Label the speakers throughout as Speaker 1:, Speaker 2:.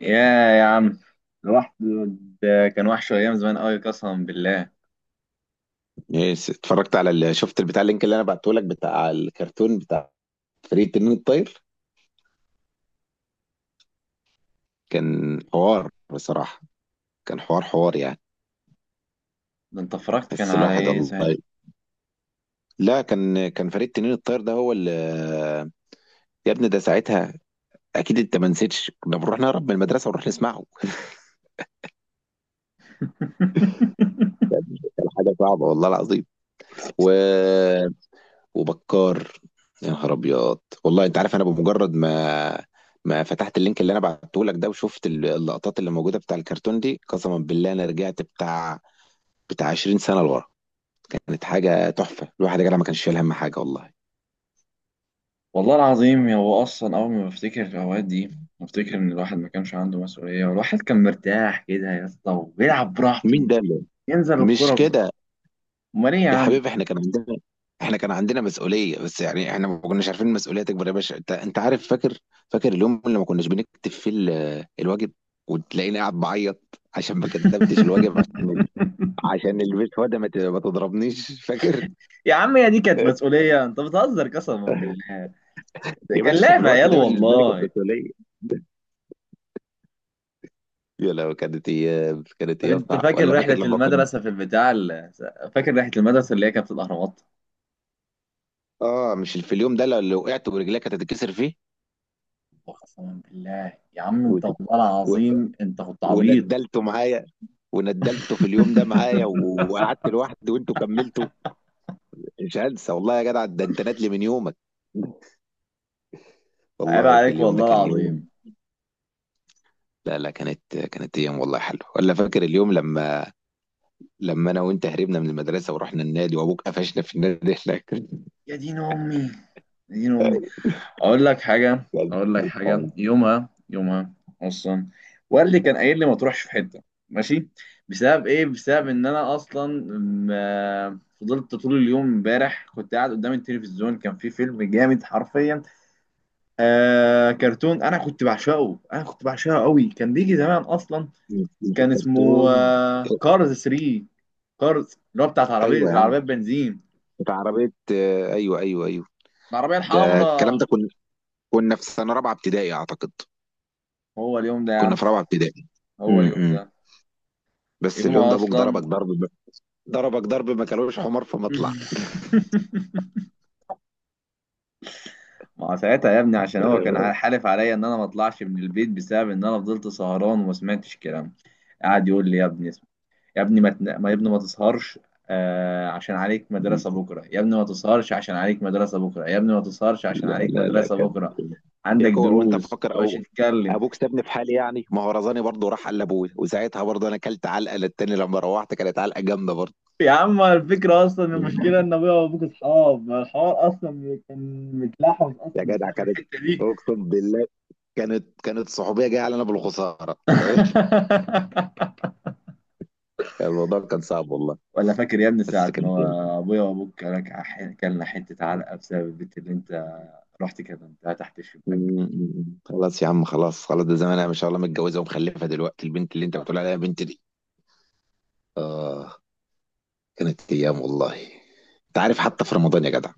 Speaker 1: يا يا عم الواحد ده كان وحش ايام زمان قوي قسما بالله.
Speaker 2: اتفرجت على شفت البتاع اللينك اللي انا بعته لك بتاع الكرتون بتاع فريق تنين الطاير. كان حوار بصراحة. كان حوار يعني
Speaker 1: ده انت فرجت كان
Speaker 2: بس
Speaker 1: على
Speaker 2: الواحد
Speaker 1: ايه ساعتها؟
Speaker 2: الله. لا كان فريق تنين الطاير ده هو اللي يا ابني ده ساعتها. اكيد انت ما نسيتش كنا بنروح نهرب من المدرسة ونروح نسمعه. كان حاجة صعبة والله العظيم. و وبكار. يا نهار ابيض. والله انت عارف انا بمجرد ما فتحت اللينك اللي انا بعته لك ده وشفت اللقطات اللي موجوده بتاع الكرتون دي. قسما بالله انا رجعت بتاع 20 سنه لورا. كانت حاجه تحفه، الواحد يا جدع ما كانش شايل هم حاجه والله.
Speaker 1: والله العظيم هو اصلا اول ما بفتكر الاوقات دي بفتكر ان الواحد ما كانش عنده مسؤوليه، والواحد كان مرتاح كده يا اسطى وبيلعب براحته،
Speaker 2: مين ده
Speaker 1: ينزل
Speaker 2: مش
Speaker 1: الكوره.
Speaker 2: كده؟
Speaker 1: امال ايه يا
Speaker 2: يا
Speaker 1: عم.
Speaker 2: حبيبي احنا كان احنا كان عندنا مسؤوليه، بس يعني احنا ما كناش عارفين المسؤوليه تكبر يا باشا. انت عارف، فاكر اليوم اللي ما كناش بنكتب فيه الواجب وتلاقيني قاعد بعيط عشان ما كتبتش الواجب؟ عشان البيت، وده ما تضربنيش، فاكر؟
Speaker 1: يا عم يا دي كانت مسؤوليه، انت بتهزر قسما بالله، ده
Speaker 2: يا
Speaker 1: كان
Speaker 2: باشا في
Speaker 1: لعب
Speaker 2: الوقت
Speaker 1: عيال
Speaker 2: ده بالنسبه لي كانت
Speaker 1: والله.
Speaker 2: مسؤوليه. يا لو كانت
Speaker 1: طب
Speaker 2: ايام
Speaker 1: انت
Speaker 2: صعبه،
Speaker 1: فاكر
Speaker 2: ولا فاكر
Speaker 1: رحلة
Speaker 2: لما كنت؟
Speaker 1: المدرسة في فاكر رحلة المدرسة اللي هي كانت في الأهرامات؟
Speaker 2: اه مش في اليوم ده لو اللي وقعت ورجلك هتتكسر فيه.
Speaker 1: وقسما بالله يا عم
Speaker 2: و...
Speaker 1: انت، والله
Speaker 2: و...
Speaker 1: العظيم انت كنت عبيط.
Speaker 2: وندلته معايا، وندلته في اليوم ده معايا وقعدت لوحدي وانتوا كملتوا. مش هنسى والله يا جدع، ده انت نادلي من يومك.
Speaker 1: عيب
Speaker 2: والله كل
Speaker 1: عليك
Speaker 2: اليوم ده
Speaker 1: والله
Speaker 2: كان يوم.
Speaker 1: العظيم.
Speaker 2: لا لا، كانت ايام والله حلوه. ولا فاكر اليوم لما انا وانت هربنا من المدرسه ورحنا النادي وابوك قفشنا في النادي هناك؟
Speaker 1: يا دين أمي، يا دين أمي. أقول لك حاجة،
Speaker 2: ده
Speaker 1: أقول لك حاجة،
Speaker 2: الحوار.
Speaker 1: يومها أصلا والدي كان قايل لي ما تروحش في حتة، ماشي. بسبب إيه؟ بسبب إن أنا أصلا ما فضلت طول اليوم امبارح، كنت قاعد قدام التلفزيون، كان في فيلم جامد حرفيا. آه، كرتون انا كنت بعشقه، قوي، كان بيجي زمان اصلا. كان اسمه
Speaker 2: الكرتون.
Speaker 1: كارز 3. كارز اللي هو بتاعت عربية،
Speaker 2: ايوه يا عم،
Speaker 1: بنزين،
Speaker 2: بتاع عربيه. ايوه ايوه.
Speaker 1: العربية
Speaker 2: ده الكلام،
Speaker 1: الحمراء.
Speaker 2: كنا كنا في سنه رابعه ابتدائي اعتقد.
Speaker 1: هو اليوم ده يا عم،
Speaker 2: كنا في رابعه ابتدائي.
Speaker 1: هو اليوم
Speaker 2: امم
Speaker 1: ده
Speaker 2: بس
Speaker 1: يوم
Speaker 2: اليوم ده ابوك ضربك
Speaker 1: اصلا.
Speaker 2: ضربك ضرب ما كلوش حمار في مطلع.
Speaker 1: ما هو ساعتها يا ابني عشان هو كان حالف عليا ان انا ما اطلعش من البيت بسبب ان انا فضلت سهران وما سمعتش كلام. قعد يقول لي يا ابني، يا ابني، ما تن- ما- يا ابني ما تسهرش. عشان عليك مدرسة بكرة، يا ابني ما تسهرش عشان عليك مدرسة بكرة، يا ابني ما تسهرش عشان
Speaker 2: لا
Speaker 1: عليك
Speaker 2: لا لا
Speaker 1: مدرسة
Speaker 2: كان.
Speaker 1: بكرة،
Speaker 2: يا
Speaker 1: عندك
Speaker 2: كو، وانت
Speaker 1: دروس ما
Speaker 2: فاكر
Speaker 1: تبقاش
Speaker 2: او
Speaker 1: تتكلم.
Speaker 2: ابوك سابني في حالي؟ يعني ما هو رزاني برضه، راح قال لابويا وساعتها برضه انا اكلت علقه للتاني، لما روحت كانت علقه جامده برضه.
Speaker 1: يا عم الفكرة أصلا، المشكلة إن أبويا وأبوك أصحاب، ما الحوار أصلا كان متلحوظ
Speaker 2: يا
Speaker 1: أصلا
Speaker 2: جدع
Speaker 1: بسبب
Speaker 2: كانت،
Speaker 1: الحتة دي.
Speaker 2: اقسم بالله كانت صحوبيه جايه علينا بالخساره. الموضوع كان صعب والله،
Speaker 1: ولا فاكر يا ابني
Speaker 2: بس
Speaker 1: ساعة
Speaker 2: كان جامد.
Speaker 1: ما أبويا وأبوك كلك، كلنا حتة علقة بسبب البنت اللي أنت رحت كلمتها تحت الشباك.
Speaker 2: خلاص يا عم، خلاص، ده زمان انا ما شاء الله متجوزه ومخلفه دلوقتي البنت اللي انت بتقول عليها بنت دي. اه. كانت ايام والله. انت عارف، حتى في رمضان يا جدع،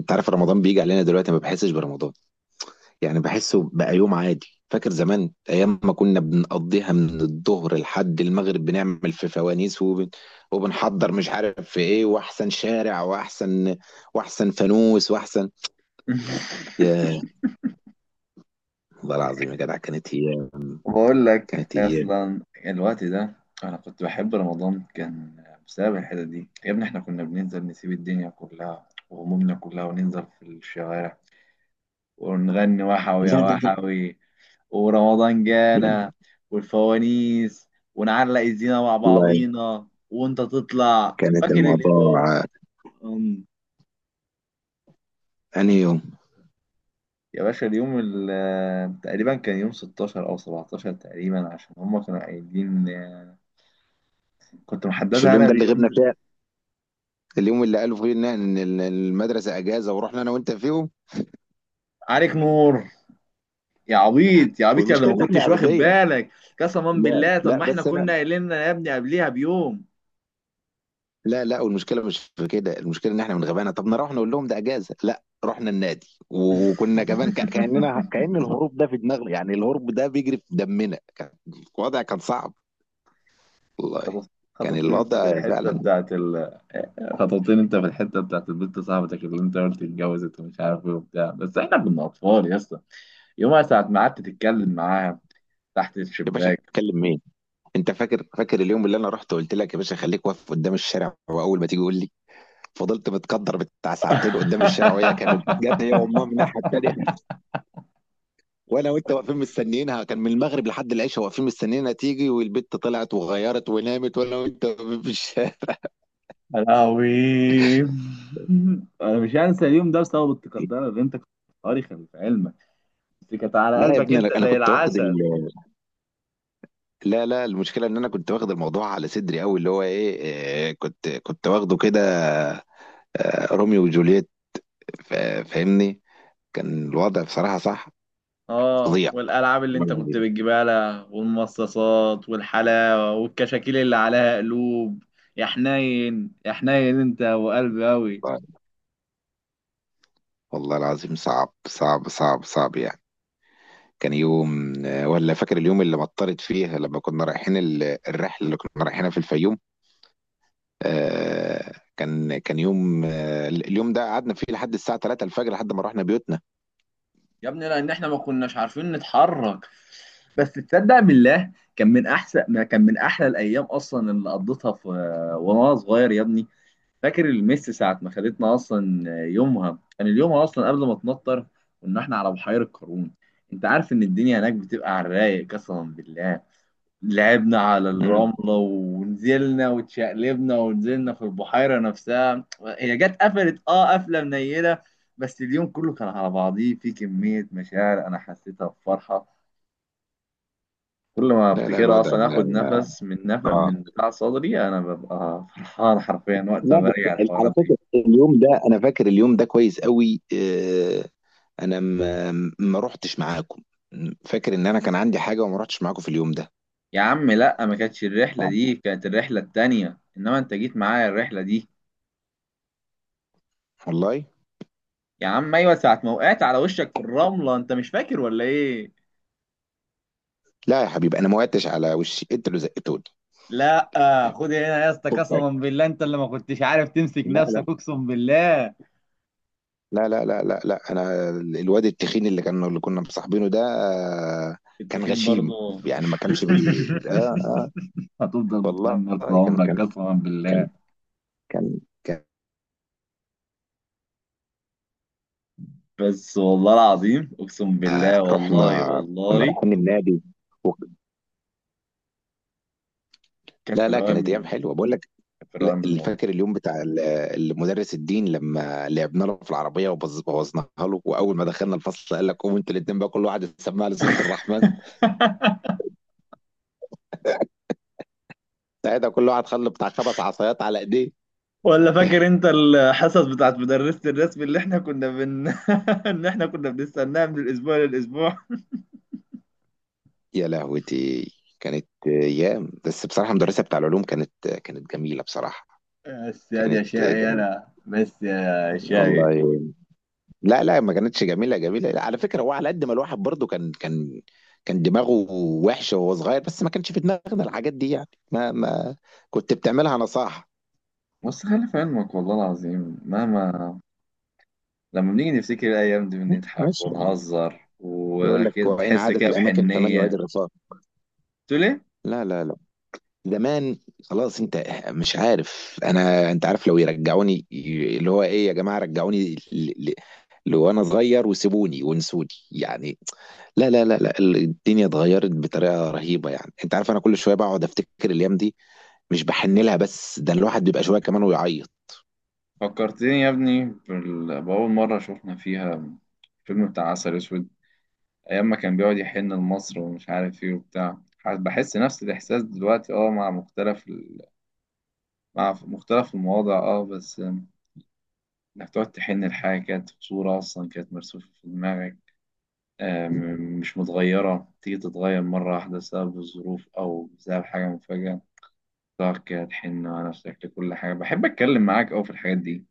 Speaker 2: انت عارف رمضان بيجي علينا دلوقتي ما بحسش برمضان، يعني بحسه بقى يوم عادي. فاكر زمان ايام ما كنا بنقضيها من الظهر لحد المغرب بنعمل في وبنحضر مش عارف في ايه، واحسن شارع، واحسن فانوس، واحسن. يا، والله العظيم يا جدع كانت هي،
Speaker 1: وبقول لك
Speaker 2: كانت هي
Speaker 1: اصلا الوقت ده انا كنت بحب رمضان، كان بسبب الحته دي يا ابني. احنا كنا بننزل نسيب الدنيا كلها وهمومنا كلها، وننزل في الشوارع ونغني وحوي يا
Speaker 2: لا لا
Speaker 1: وحوي، ورمضان
Speaker 2: لا
Speaker 1: جانا،
Speaker 2: لا
Speaker 1: والفوانيس، ونعلق الزينة مع
Speaker 2: والله
Speaker 1: بعضينا. وانت تطلع
Speaker 2: كانت
Speaker 1: فاكر اليوم؟
Speaker 2: الموضوع.
Speaker 1: أم،
Speaker 2: انهي يوم؟
Speaker 1: يا باشا اليوم تقريبا كان يوم 16 او 17 تقريبا، عشان هما كانوا قايلين، كنت
Speaker 2: مش
Speaker 1: محددها
Speaker 2: اليوم
Speaker 1: انا
Speaker 2: ده اللي غبنا
Speaker 1: بيوم.
Speaker 2: فيه؟ اليوم اللي قالوا فيه ان إن المدرسه اجازه ورحنا انا وانت فيهم،
Speaker 1: عليك نور يا عبيط، يا عبيط، يا اللي
Speaker 2: والمشكله
Speaker 1: ما
Speaker 2: ان احنا
Speaker 1: كنتش واخد
Speaker 2: اغبياء.
Speaker 1: بالك. قسما
Speaker 2: لا
Speaker 1: بالله طب
Speaker 2: لا
Speaker 1: ما احنا
Speaker 2: بس
Speaker 1: كنا
Speaker 2: انا
Speaker 1: قايلين يا ابني قبليها بيوم.
Speaker 2: لا لا، والمشكله مش في كده، المشكله ان احنا من غبانا طب نروح نقول لهم ده اجازه. لا، رحنا النادي وكنا كمان كاننا كأن الهروب ده في دماغنا، يعني الهروب ده بيجري في دمنا. كان الوضع كان صعب والله. كان
Speaker 1: خطفتني انت في
Speaker 2: الوضع
Speaker 1: الحته
Speaker 2: فعلا.
Speaker 1: بتاعت خطفتني انت في الحته بتاعت البنت صاحبتك اللي انت قلت اتجوزت ومش عارف ايه وبتاع، بس احنا كنا اطفال يا اسطى. يومها ساعه ما قعدت تتكلم معاها تحت
Speaker 2: يا باشا
Speaker 1: الشباك.
Speaker 2: اتكلم مين؟ انت فاكر اليوم اللي انا رحت وقلت لك يا باشا خليك واقف قدام الشارع واول ما تيجي قول لي؟ فضلت متقدر بتاع ساعتين قدام الشارع، وهي كانت جت هي وامها من الناحيه التانيه. وانا وانت واقفين مستنيينها، كان من المغرب لحد العشاء واقفين مستنيينها تيجي، والبت طلعت وغيرت ونامت وانا وانت واقفين في الشارع.
Speaker 1: يا لهوي. انا مش هنسى اليوم ده بسبب التقدير اللي انت كنت قاري، خلي في علمك، دي كانت على
Speaker 2: لا يا
Speaker 1: قلبك،
Speaker 2: ابني
Speaker 1: انت
Speaker 2: انا
Speaker 1: زي
Speaker 2: كنت واخد
Speaker 1: العسل.
Speaker 2: لا لا، المشكله ان انا كنت واخد الموضوع على صدري قوي اللي هو ايه. كنت واخده كده. روميو وجولييت. فاهمني. كان الوضع بصراحه صح.
Speaker 1: اه،
Speaker 2: فظيع،
Speaker 1: والالعاب اللي
Speaker 2: والله
Speaker 1: انت كنت
Speaker 2: العظيم.
Speaker 1: بتجيبها لها، والمصاصات والحلاوه، والكشاكيل اللي عليها قلوب. يا حنين يا حنين، انت وقلبي قوي.
Speaker 2: والله العظيم صعب صعب يعني. كان يوم. ولا فاكر اليوم اللي مطرت فيه لما كنا رايحين الرحله اللي كنا رايحينها في الفيوم؟ كان يوم. اليوم ده قعدنا فيه لحد الساعة 3 الفجر لحد ما رحنا بيوتنا.
Speaker 1: يا ابني لان احنا ما كناش عارفين نتحرك، بس تصدق بالله كان من احسن ما كان، من احلى الايام اصلا اللي قضيتها في وانا صغير يا ابني. فاكر الميس ساعة ما خدتنا؟ أصلا يومها كان اليوم أصلا قبل ما تمطر. كنا إحنا على بحيرة قارون. أنت عارف إن الدنيا هناك بتبقى على الرايق قسما بالله. لعبنا على
Speaker 2: مم.
Speaker 1: الرملة ونزلنا واتشقلبنا، ونزلنا في البحيرة نفسها. هي جت قفلت قفلة منيلة، بس اليوم كله كان على بعضيه، في كمية مشاعر أنا حسيتها بفرحة. كل ما
Speaker 2: لا لا،
Speaker 1: أفتكرها
Speaker 2: الوضع
Speaker 1: أصلا آخد
Speaker 2: لا.
Speaker 1: نفس من نفق
Speaker 2: اه،
Speaker 1: من بتاع صدري، أنا ببقى فرحان حرفيا وقت ما
Speaker 2: لا بس
Speaker 1: برجع
Speaker 2: على
Speaker 1: الحوارات دي.
Speaker 2: فكرة اليوم ده انا فاكر اليوم ده كويس قوي. انا ما رحتش معاكم. فاكر ان انا كان عندي حاجة وما رحتش معاكم في اليوم ده
Speaker 1: يا عم لا، ما كانتش الرحلة دي، كانت الرحلة التانية، انما انت جيت معايا الرحلة دي.
Speaker 2: والله.
Speaker 1: يا عم ايوه، ساعة ما وقعت على وشك في الرملة، انت مش فاكر ولا ايه؟
Speaker 2: لا يا حبيبي انا ما وقعتش على وشي، انت اللي زقتوني.
Speaker 1: لا، خد هنا يا اسطى
Speaker 2: شكراً.
Speaker 1: قسما بالله، انت اللي ما كنتش عارف تمسك نفسك،
Speaker 2: لا،
Speaker 1: اقسم بالله.
Speaker 2: انا الواد التخين اللي اللي كنا مصاحبينه ده.
Speaker 1: كنت
Speaker 2: كان
Speaker 1: تخين
Speaker 2: غشيم،
Speaker 1: برضه.
Speaker 2: يعني ما كانش بي ده. آه،
Speaker 1: هتفضل
Speaker 2: والله.
Speaker 1: متنمر طول
Speaker 2: كان
Speaker 1: عمرك
Speaker 2: كان
Speaker 1: قسما
Speaker 2: كان
Speaker 1: بالله.
Speaker 2: كان
Speaker 1: بس والله العظيم اقسم بالله، والله
Speaker 2: رحنا، كنا
Speaker 1: والله.
Speaker 2: رايحين النادي و...
Speaker 1: كان في
Speaker 2: لا لا،
Speaker 1: الرواية
Speaker 2: كانت ايام
Speaker 1: منه،
Speaker 2: حلوه بقول لك.
Speaker 1: كان في الرواية
Speaker 2: لا،
Speaker 1: منه والله.
Speaker 2: فاكر اليوم بتاع المدرس الدين لما لعبنا له في العربيه بوظناها له، واول ما دخلنا الفصل قال لك قوموا انتوا الاثنين بقى كل واحد يسمع لي سوره الرحمن؟ ساعتها كل واحد خلى بتاع خمس عصايات على ايديه.
Speaker 1: ولا فاكر انت الحصص بتاعت مدرسة الرسم اللي احنا كنا بن ان احنا كنا بنستناها من الاسبوع للاسبوع.
Speaker 2: يا لهوتي، كانت ايام. بس بصراحه المدرسه بتاع العلوم كانت جميله بصراحه.
Speaker 1: بس هذه
Speaker 2: كانت
Speaker 1: أشياء يا شقي،
Speaker 2: جميله،
Speaker 1: أنا بس يا شاي.
Speaker 2: والله. لا لا، ما كانتش جميله جميله، لا، على فكره هو على قد ما الواحد برضو كان كان دماغه وحشه وهو صغير، بس ما كانش في دماغنا الحاجات دي يعني ما كنت بتعملها نصاحه
Speaker 1: بص خلي في علمك والله العظيم، مهما لما بنيجي نفتكر الأيام دي بنضحك
Speaker 2: ماشي يعني.
Speaker 1: ونهزر،
Speaker 2: يقول لك
Speaker 1: وأكيد
Speaker 2: وإن
Speaker 1: تحس
Speaker 2: عادت
Speaker 1: كده
Speaker 2: الأماكن فمن يعيد
Speaker 1: بحنية.
Speaker 2: الرفاق؟
Speaker 1: تقول إيه؟
Speaker 2: لا لا لا زمان خلاص. أنت مش عارف، أنا أنت عارف لو يرجعوني اللي هو إيه، يا جماعة رجعوني لو انا صغير وسيبوني وانسوني يعني. لا لا لا لا الدنيا اتغيرت بطريقه رهيبه، يعني انت عارف انا كل شويه بقعد افتكر الايام دي، مش بحن لها بس ده الواحد بيبقى شويه كمان ويعيط.
Speaker 1: فكرتني يا ابني بأول مرة شفنا فيها فيلم بتاع عسل أسود، ايام ما كان بيقعد يحن لمصر ومش عارف ايه وبتاع. بحس نفس الاحساس دلوقتي، اه، مع مختلف مع مختلف المواضع، اه، بس انك تقعد تحن لحاجه كانت في صوره اصلا كانت مرسومه في دماغك، آم، مش متغيره، تيجي تتغير مره واحده بسبب الظروف او بسبب حاجه مفاجاه، تقعد كده تحن على نفسك لكل حاجه. بحب اتكلم معاك اوي في الحاجات دي.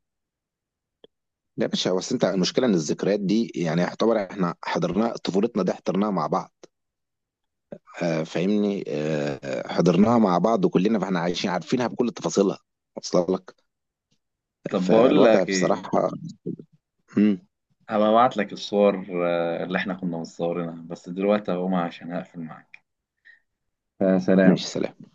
Speaker 2: لا يا باشا، بس انت المشكله ان الذكريات دي يعني يعتبر احنا حضرنا طفولتنا دي حضرناها مع بعض. آه، فاهمني؟ آه، حضرناها مع بعض كلنا، فاحنا عايشين عارفينها بكل تفاصيلها، واصله لك.
Speaker 1: طب بقول
Speaker 2: فالوضع
Speaker 1: لك ايه،
Speaker 2: بصراحه، مم،
Speaker 1: هبقى ابعت لك الصور اللي احنا كنا مصورينها، بس دلوقتي هقوم عشان هقفل معاك.
Speaker 2: ماشي.
Speaker 1: فسلام.
Speaker 2: سلام.